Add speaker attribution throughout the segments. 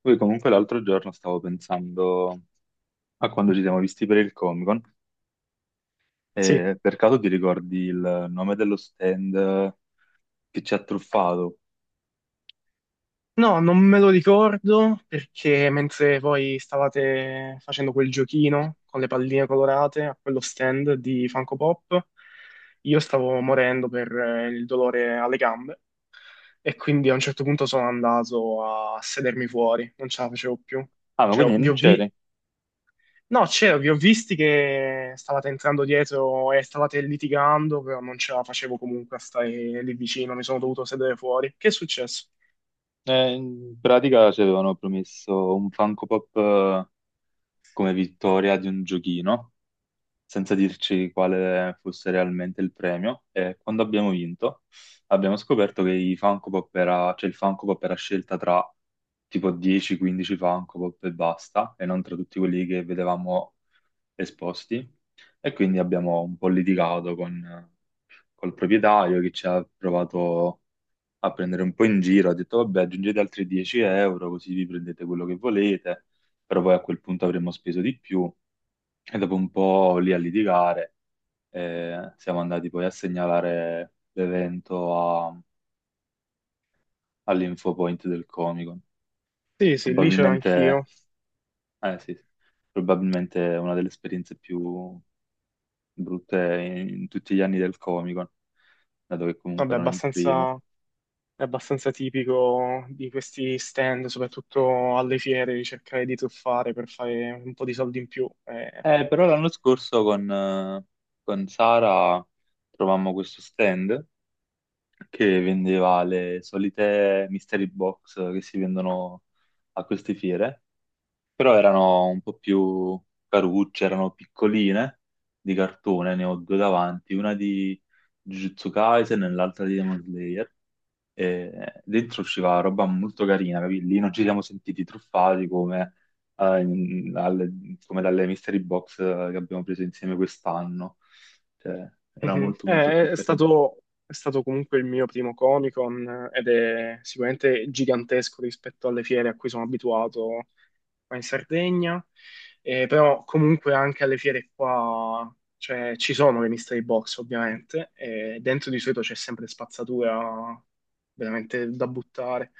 Speaker 1: Poi comunque l'altro giorno stavo pensando a quando ci siamo visti per il Comic-Con
Speaker 2: Sì.
Speaker 1: e per caso ti ricordi il nome dello stand che ci ha truffato?
Speaker 2: No, non me lo ricordo perché mentre voi stavate facendo quel giochino con le palline colorate a quello stand di Funko Pop, io stavo morendo per il dolore alle gambe e quindi a un certo punto sono andato a sedermi fuori, non ce la facevo più.
Speaker 1: Ah, ma
Speaker 2: Cioè, ho-
Speaker 1: quindi
Speaker 2: vi
Speaker 1: non
Speaker 2: ho vi-
Speaker 1: c'eri?
Speaker 2: No, c'ero, vi ho visti che stavate entrando dietro e stavate litigando, però non ce la facevo comunque a stare lì vicino, mi sono dovuto sedere fuori. Che è successo?
Speaker 1: In pratica ci avevano promesso un Funko Pop come vittoria di un giochino senza dirci quale fosse realmente il premio. E quando abbiamo vinto, abbiamo scoperto che i Funko Pop era, cioè il Funko Pop era scelta tra tipo 10-15 Funko Pop e basta, e non tra tutti quelli che vedevamo esposti. E quindi abbiamo un po' litigato col proprietario che ci ha provato a prendere un po' in giro, ha detto vabbè aggiungete altri 10 euro così vi prendete quello che volete, però poi a quel punto avremmo speso di più e dopo un po' lì a litigare e siamo andati poi a segnalare l'evento a- all'infopoint del Comic-Con.
Speaker 2: Sì, sì, lì c'ero anch'io.
Speaker 1: Probabilmente, eh sì, sì, probabilmente è una delle esperienze più brutte in tutti gli anni del Comic-Con, dato che comunque
Speaker 2: Vabbè,
Speaker 1: non è il primo.
Speaker 2: abbastanza, è abbastanza tipico di questi stand, soprattutto alle fiere, di cercare di truffare per fare un po' di soldi in più.
Speaker 1: Però l'anno scorso con Sara trovammo questo stand che vendeva le solite mystery box che si vendono a queste fiere, però erano un po' più carucce, erano piccoline di cartone, ne ho due davanti, una di Jujutsu Kaisen e l'altra di Demon Slayer. E dentro usciva roba molto carina, capì? Lì non ci siamo sentiti truffati come, eh, in- alle, come dalle mystery box che abbiamo preso insieme quest'anno. Cioè, era
Speaker 2: Mhm.
Speaker 1: molto molto più
Speaker 2: È
Speaker 1: carino.
Speaker 2: stato, è stato comunque il mio primo Comic-Con, ed è sicuramente gigantesco rispetto alle fiere a cui sono abituato qua in Sardegna, però comunque anche alle fiere qua, cioè, ci sono le mystery box ovviamente, e dentro di solito c'è sempre spazzatura veramente da buttare,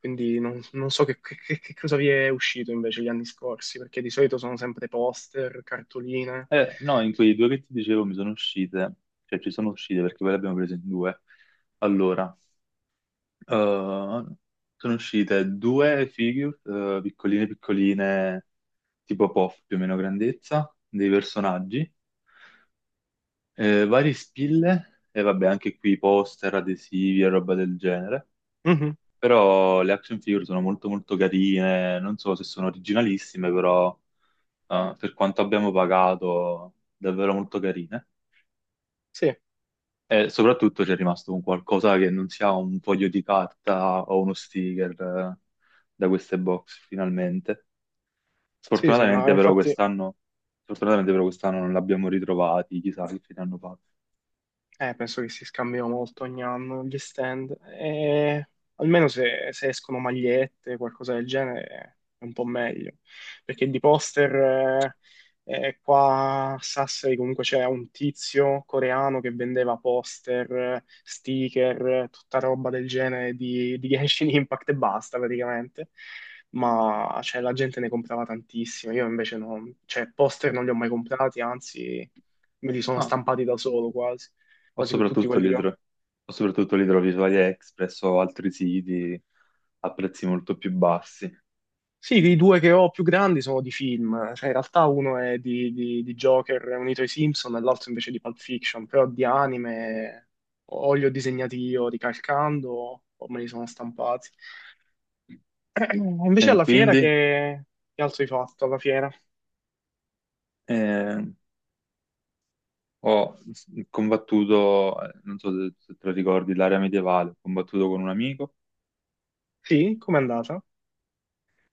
Speaker 2: quindi non, non so che, che cosa vi è uscito invece gli anni scorsi, perché di solito sono sempre poster, cartoline.
Speaker 1: Eh no, in quei due che ti dicevo mi sono uscite, cioè ci sono uscite perché poi le abbiamo prese in due. Allora, Uh, sono uscite due figure, piccoline piccoline, tipo Puff più o meno grandezza, dei personaggi, vari spille e vabbè anche qui poster, adesivi e roba del genere.
Speaker 2: Mhm.
Speaker 1: Però le action figure sono molto molto carine, non so se sono originalissime, però per quanto abbiamo pagato davvero molto carine.
Speaker 2: Sì,
Speaker 1: E soprattutto c'è rimasto un qualcosa che non sia un foglio di carta o uno sticker da queste box finalmente.
Speaker 2: sì, sì, ma
Speaker 1: Sfortunatamente però
Speaker 2: infatti
Speaker 1: quest'anno, sfortunatamente però quest'anno non l'abbiamo ritrovati, chissà che fine hanno fatto.
Speaker 2: Penso che si scambiano molto ogni anno gli stand. E almeno se, se escono magliette, qualcosa del genere, è un po' meglio. Perché di poster, qua a Sassari comunque c'era un tizio coreano che vendeva poster, sticker, tutta roba del genere di Genshin Impact e basta praticamente. Ma cioè, la gente ne comprava tantissimo. Io invece non, cioè,
Speaker 1: Eh,
Speaker 2: poster non li ho mai comprati, anzi, me li sono
Speaker 1: ah,
Speaker 2: stampati da solo quasi
Speaker 1: o
Speaker 2: quasi tutti
Speaker 1: soprattutto
Speaker 2: quelli
Speaker 1: li,
Speaker 2: che ho.
Speaker 1: tro- o soprattutto li trovi su AliExpress o altri siti a prezzi molto più bassi.
Speaker 2: Sì, i due che ho più grandi sono di film, cioè in realtà uno è di, di Joker unito ai Simpson e l'altro invece di Pulp Fiction, però di anime o li ho disegnati io ricalcando o me li sono stampati.
Speaker 1: E
Speaker 2: Invece alla fiera
Speaker 1: quindi
Speaker 2: che altro hai fatto alla fiera?
Speaker 1: eh, combattuto, non so se te lo ricordi, l'area medievale, ho combattuto con un amico,
Speaker 2: Sì, com'è andata?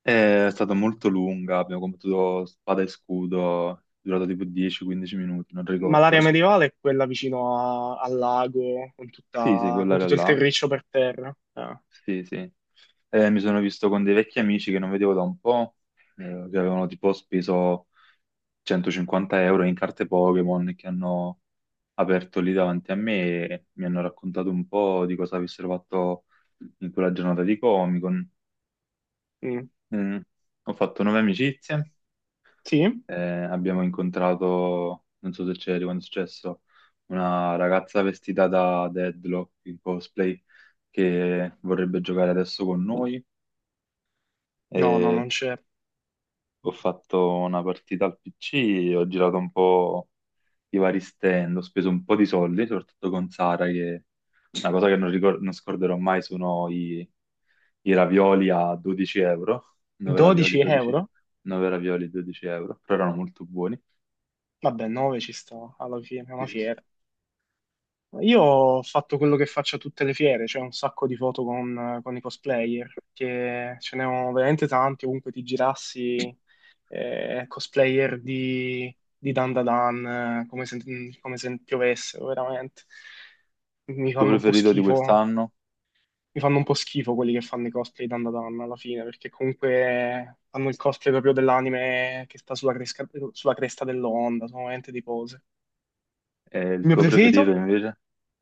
Speaker 1: è stata molto lunga, abbiamo combattuto spada e scudo, è durato tipo 10-15 minuti, non
Speaker 2: Ma
Speaker 1: ricordo.
Speaker 2: l'area medievale è quella vicino al lago, con,
Speaker 1: Sì, sì,
Speaker 2: con
Speaker 1: quell'area
Speaker 2: tutto il
Speaker 1: là.
Speaker 2: terriccio per terra. Ah,
Speaker 1: Sì, sì. Mi sono visto con dei vecchi amici che non vedevo da un po', che avevano tipo speso 150 euro in carte Pokémon e che hanno aperto lì davanti a me e mi hanno raccontato un po' di cosa avessero fatto in quella giornata di Comic-Con.
Speaker 2: mm.
Speaker 1: Mm, ho fatto nuove amicizie,
Speaker 2: Sì?
Speaker 1: abbiamo incontrato, non so se c'eri quando è successo, una ragazza vestita da Deadlock in cosplay che vorrebbe giocare adesso con noi.
Speaker 2: No, no,
Speaker 1: E
Speaker 2: non c'è.
Speaker 1: ho fatto una partita al PC, ho girato un po' i vari stand, ho speso un po' di soldi, soprattutto con Sara, che una cosa che non scorderò mai sono i ravioli a 12 euro, 9 ravioli,
Speaker 2: 12
Speaker 1: 12,
Speaker 2: euro?
Speaker 1: 9 ravioli, 12 euro, però erano molto buoni.
Speaker 2: Vabbè, 9 ci sta, alla fine è una
Speaker 1: Sì, sì.
Speaker 2: fiera. Io ho fatto quello che faccio a tutte le fiere, cioè un sacco di foto con i cosplayer, che ce ne ho veramente tanti, ovunque ti girassi, cosplayer di Dan Da Dan, eh, come se, come se piovessero, veramente. Mi
Speaker 1: Il tuo
Speaker 2: fanno un po'
Speaker 1: preferito di
Speaker 2: schifo,
Speaker 1: quest'anno?
Speaker 2: mi fanno un po' schifo quelli che fanno i cosplay di Dan Da Dan alla fine, perché comunque fanno il cosplay proprio dell'anime che sta sulla, sulla cresta dell'onda, sono veramente di pose.
Speaker 1: E il
Speaker 2: Il mio
Speaker 1: tuo preferito
Speaker 2: preferito?
Speaker 1: invece?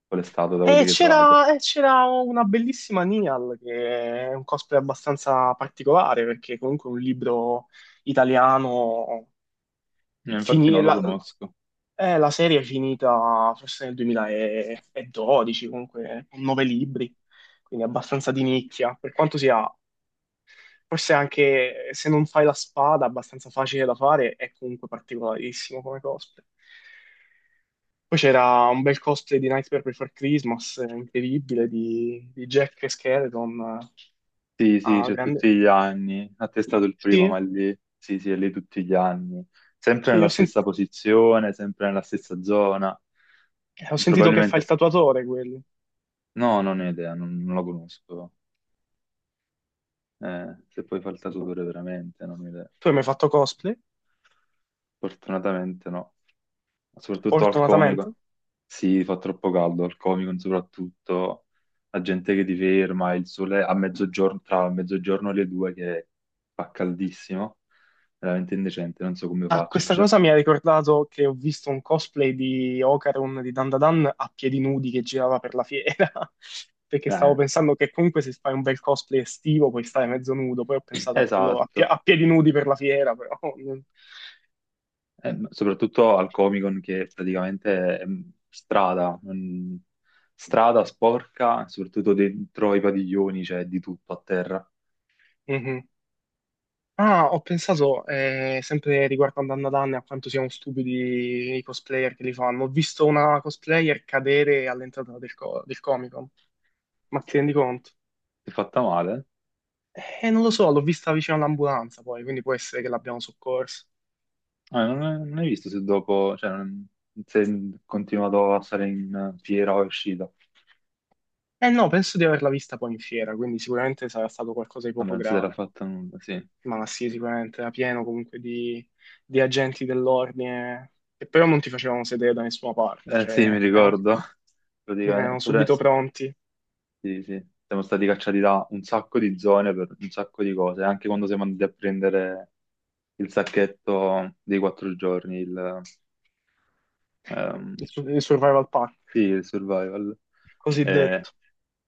Speaker 1: Qual è stato da quelli che hai trovato?
Speaker 2: E c'era una bellissima Nial, che è un cosplay abbastanza particolare, perché comunque è un libro italiano.
Speaker 1: Infatti non
Speaker 2: fini-
Speaker 1: lo
Speaker 2: la,
Speaker 1: conosco.
Speaker 2: la serie è finita forse nel 2012, comunque con nove libri, quindi abbastanza di nicchia, per quanto sia. Forse anche, se non fai la spada, abbastanza facile da fare, è comunque particolarissimo come cosplay. Poi c'era un bel cosplay di Nightmare Before Christmas, incredibile, di Jack e Skeleton.
Speaker 1: Sì, sì,
Speaker 2: Ah,
Speaker 1: c'è
Speaker 2: grande.
Speaker 1: tutti gli anni. A te è stato il primo,
Speaker 2: Sì,
Speaker 1: ma lì, sì, sì, è lì tutti gli anni. Sempre
Speaker 2: sì,
Speaker 1: nella stessa posizione, sempre nella stessa zona.
Speaker 2: ho sentito che fa il
Speaker 1: Probabilmente,
Speaker 2: tatuatore quello.
Speaker 1: no, non ho idea, non lo conosco. Se poi fa il tatuatore veramente, non ho idea.
Speaker 2: Tu hai mai fatto cosplay?
Speaker 1: Fortunatamente no. Soprattutto al
Speaker 2: Fortunatamente.
Speaker 1: comico. Sì, fa troppo caldo, al comico soprattutto. La gente che ti ferma, il sole a mezzogiorno, tra mezzogiorno e le due che fa caldissimo veramente indecente, non so come
Speaker 2: Ah,
Speaker 1: faccio.
Speaker 2: questa
Speaker 1: Cioè,
Speaker 2: cosa mi ha ricordato che ho visto un cosplay di Ocaron di Dandadan a piedi nudi che girava per la fiera, perché stavo
Speaker 1: Eh,
Speaker 2: pensando che comunque se fai un bel cosplay estivo puoi stare mezzo nudo, poi ho pensato a quello a,
Speaker 1: esatto.
Speaker 2: a piedi nudi per la fiera, però... non-
Speaker 1: Ma soprattutto al Comic Con che praticamente è strada, strada sporca, soprattutto dentro i padiglioni, c'è di tutto a terra.
Speaker 2: Mhm. Ah, ho pensato, sempre riguardo a Dandadan e a quanto siano stupidi i cosplayer che li fanno, ho visto una cosplayer cadere all'entrata del, del Comic Con, ma ti rendi conto?
Speaker 1: Ti è fatta male?
Speaker 2: Non lo so, l'ho vista vicino all'ambulanza poi, quindi può essere che l'abbiamo soccorsa.
Speaker 1: Ah, non, Non hai visto se dopo, se è continuato a stare in fiera o è uscita.
Speaker 2: Eh no, penso di averla vista poi in fiera, quindi sicuramente sarà stato qualcosa di
Speaker 1: Vabbè,
Speaker 2: poco
Speaker 1: non si sarà
Speaker 2: grave.
Speaker 1: fatto nulla, sì.
Speaker 2: Ma sì, sicuramente era pieno comunque di agenti dell'ordine che però non ti facevano sedere da nessuna parte,
Speaker 1: Eh sì, mi
Speaker 2: cioè erano,
Speaker 1: ricordo. Praticamente,
Speaker 2: erano
Speaker 1: pure-
Speaker 2: subito pronti,
Speaker 1: Sì, sì. Siamo stati cacciati da un sacco di zone per un sacco di cose, anche quando siamo andati a prendere il sacchetto dei 4 giorni,
Speaker 2: il,
Speaker 1: ehm,
Speaker 2: il survival pack,
Speaker 1: sì, il survival. Eh,
Speaker 2: cosiddetto.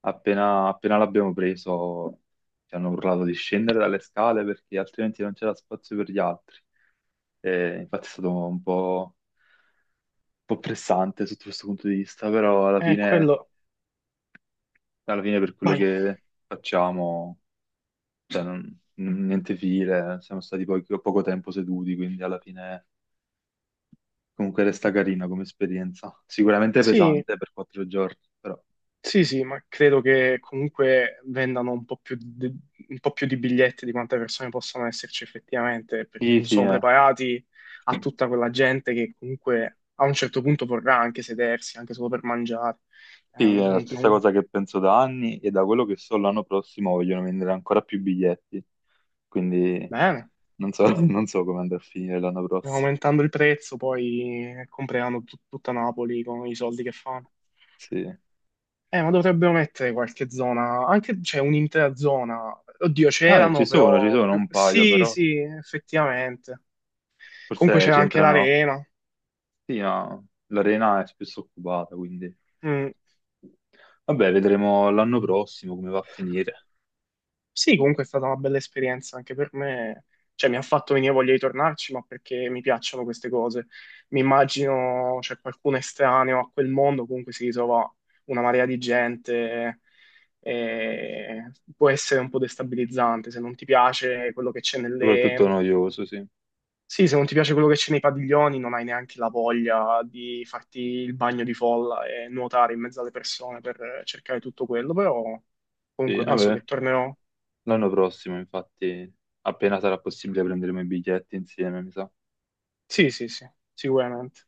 Speaker 1: Appena appena l'abbiamo preso ci hanno urlato di scendere dalle scale perché altrimenti non c'era spazio per gli altri. E infatti è stato un po' pressante sotto questo punto di vista, però
Speaker 2: Quello...
Speaker 1: alla fine per quello
Speaker 2: Vai.
Speaker 1: che facciamo cioè, non- n- niente file, siamo stati poi poco tempo seduti, quindi alla fine comunque resta carina come esperienza. Sicuramente
Speaker 2: Sì.
Speaker 1: pesante per 4 giorni, però.
Speaker 2: Sì, sì, ma credo che comunque vendano un po' più di, un po' più di biglietti di quante persone possano esserci effettivamente, perché
Speaker 1: Sì,
Speaker 2: non
Speaker 1: sì,
Speaker 2: sono
Speaker 1: eh.
Speaker 2: preparati a tutta quella gente che comunque a un certo punto vorrà anche sedersi, anche solo per mangiare. Eh,
Speaker 1: Sì, è la
Speaker 2: non-
Speaker 1: stessa
Speaker 2: non-
Speaker 1: cosa che penso da anni e da quello che so l'anno prossimo vogliono vendere ancora più biglietti, quindi
Speaker 2: Bene,
Speaker 1: non so, non so come andrà a finire l'anno prossimo.
Speaker 2: aumentando il prezzo poi compreranno tutta Napoli con i soldi che fanno.
Speaker 1: Sì.
Speaker 2: Ma dovrebbero mettere qualche zona, anche c'è un'intera zona. Oddio,
Speaker 1: Ci
Speaker 2: c'erano
Speaker 1: sono, ci
Speaker 2: però
Speaker 1: sono
Speaker 2: più...
Speaker 1: un paio,
Speaker 2: Sì,
Speaker 1: però
Speaker 2: sì, effettivamente. Comunque
Speaker 1: forse
Speaker 2: c'era anche
Speaker 1: c'entrano.
Speaker 2: l'arena.
Speaker 1: Sì, no, l'arena è spesso occupata, quindi
Speaker 2: Mm.
Speaker 1: vabbè, vedremo l'anno prossimo come va a finire.
Speaker 2: Sì, comunque è stata una bella esperienza anche per me. Cioè, mi ha fatto venire voglia di tornarci, ma perché mi piacciono queste cose. Mi immagino, c'è qualcuno estraneo a quel mondo, comunque si ritrova una marea di gente. E può essere un po' destabilizzante se non ti piace quello che c'è
Speaker 1: Soprattutto
Speaker 2: nelle.
Speaker 1: noioso, sì.
Speaker 2: Sì, se non ti piace quello che c'è nei padiglioni, non hai neanche la voglia di farti il bagno di folla e nuotare in mezzo alle persone per cercare tutto quello, però
Speaker 1: Sì,
Speaker 2: comunque penso
Speaker 1: vabbè,
Speaker 2: che tornerò.
Speaker 1: l'anno prossimo, infatti, appena sarà possibile prenderemo i biglietti insieme, mi sa.
Speaker 2: Sì, sì, sì, sicuramente.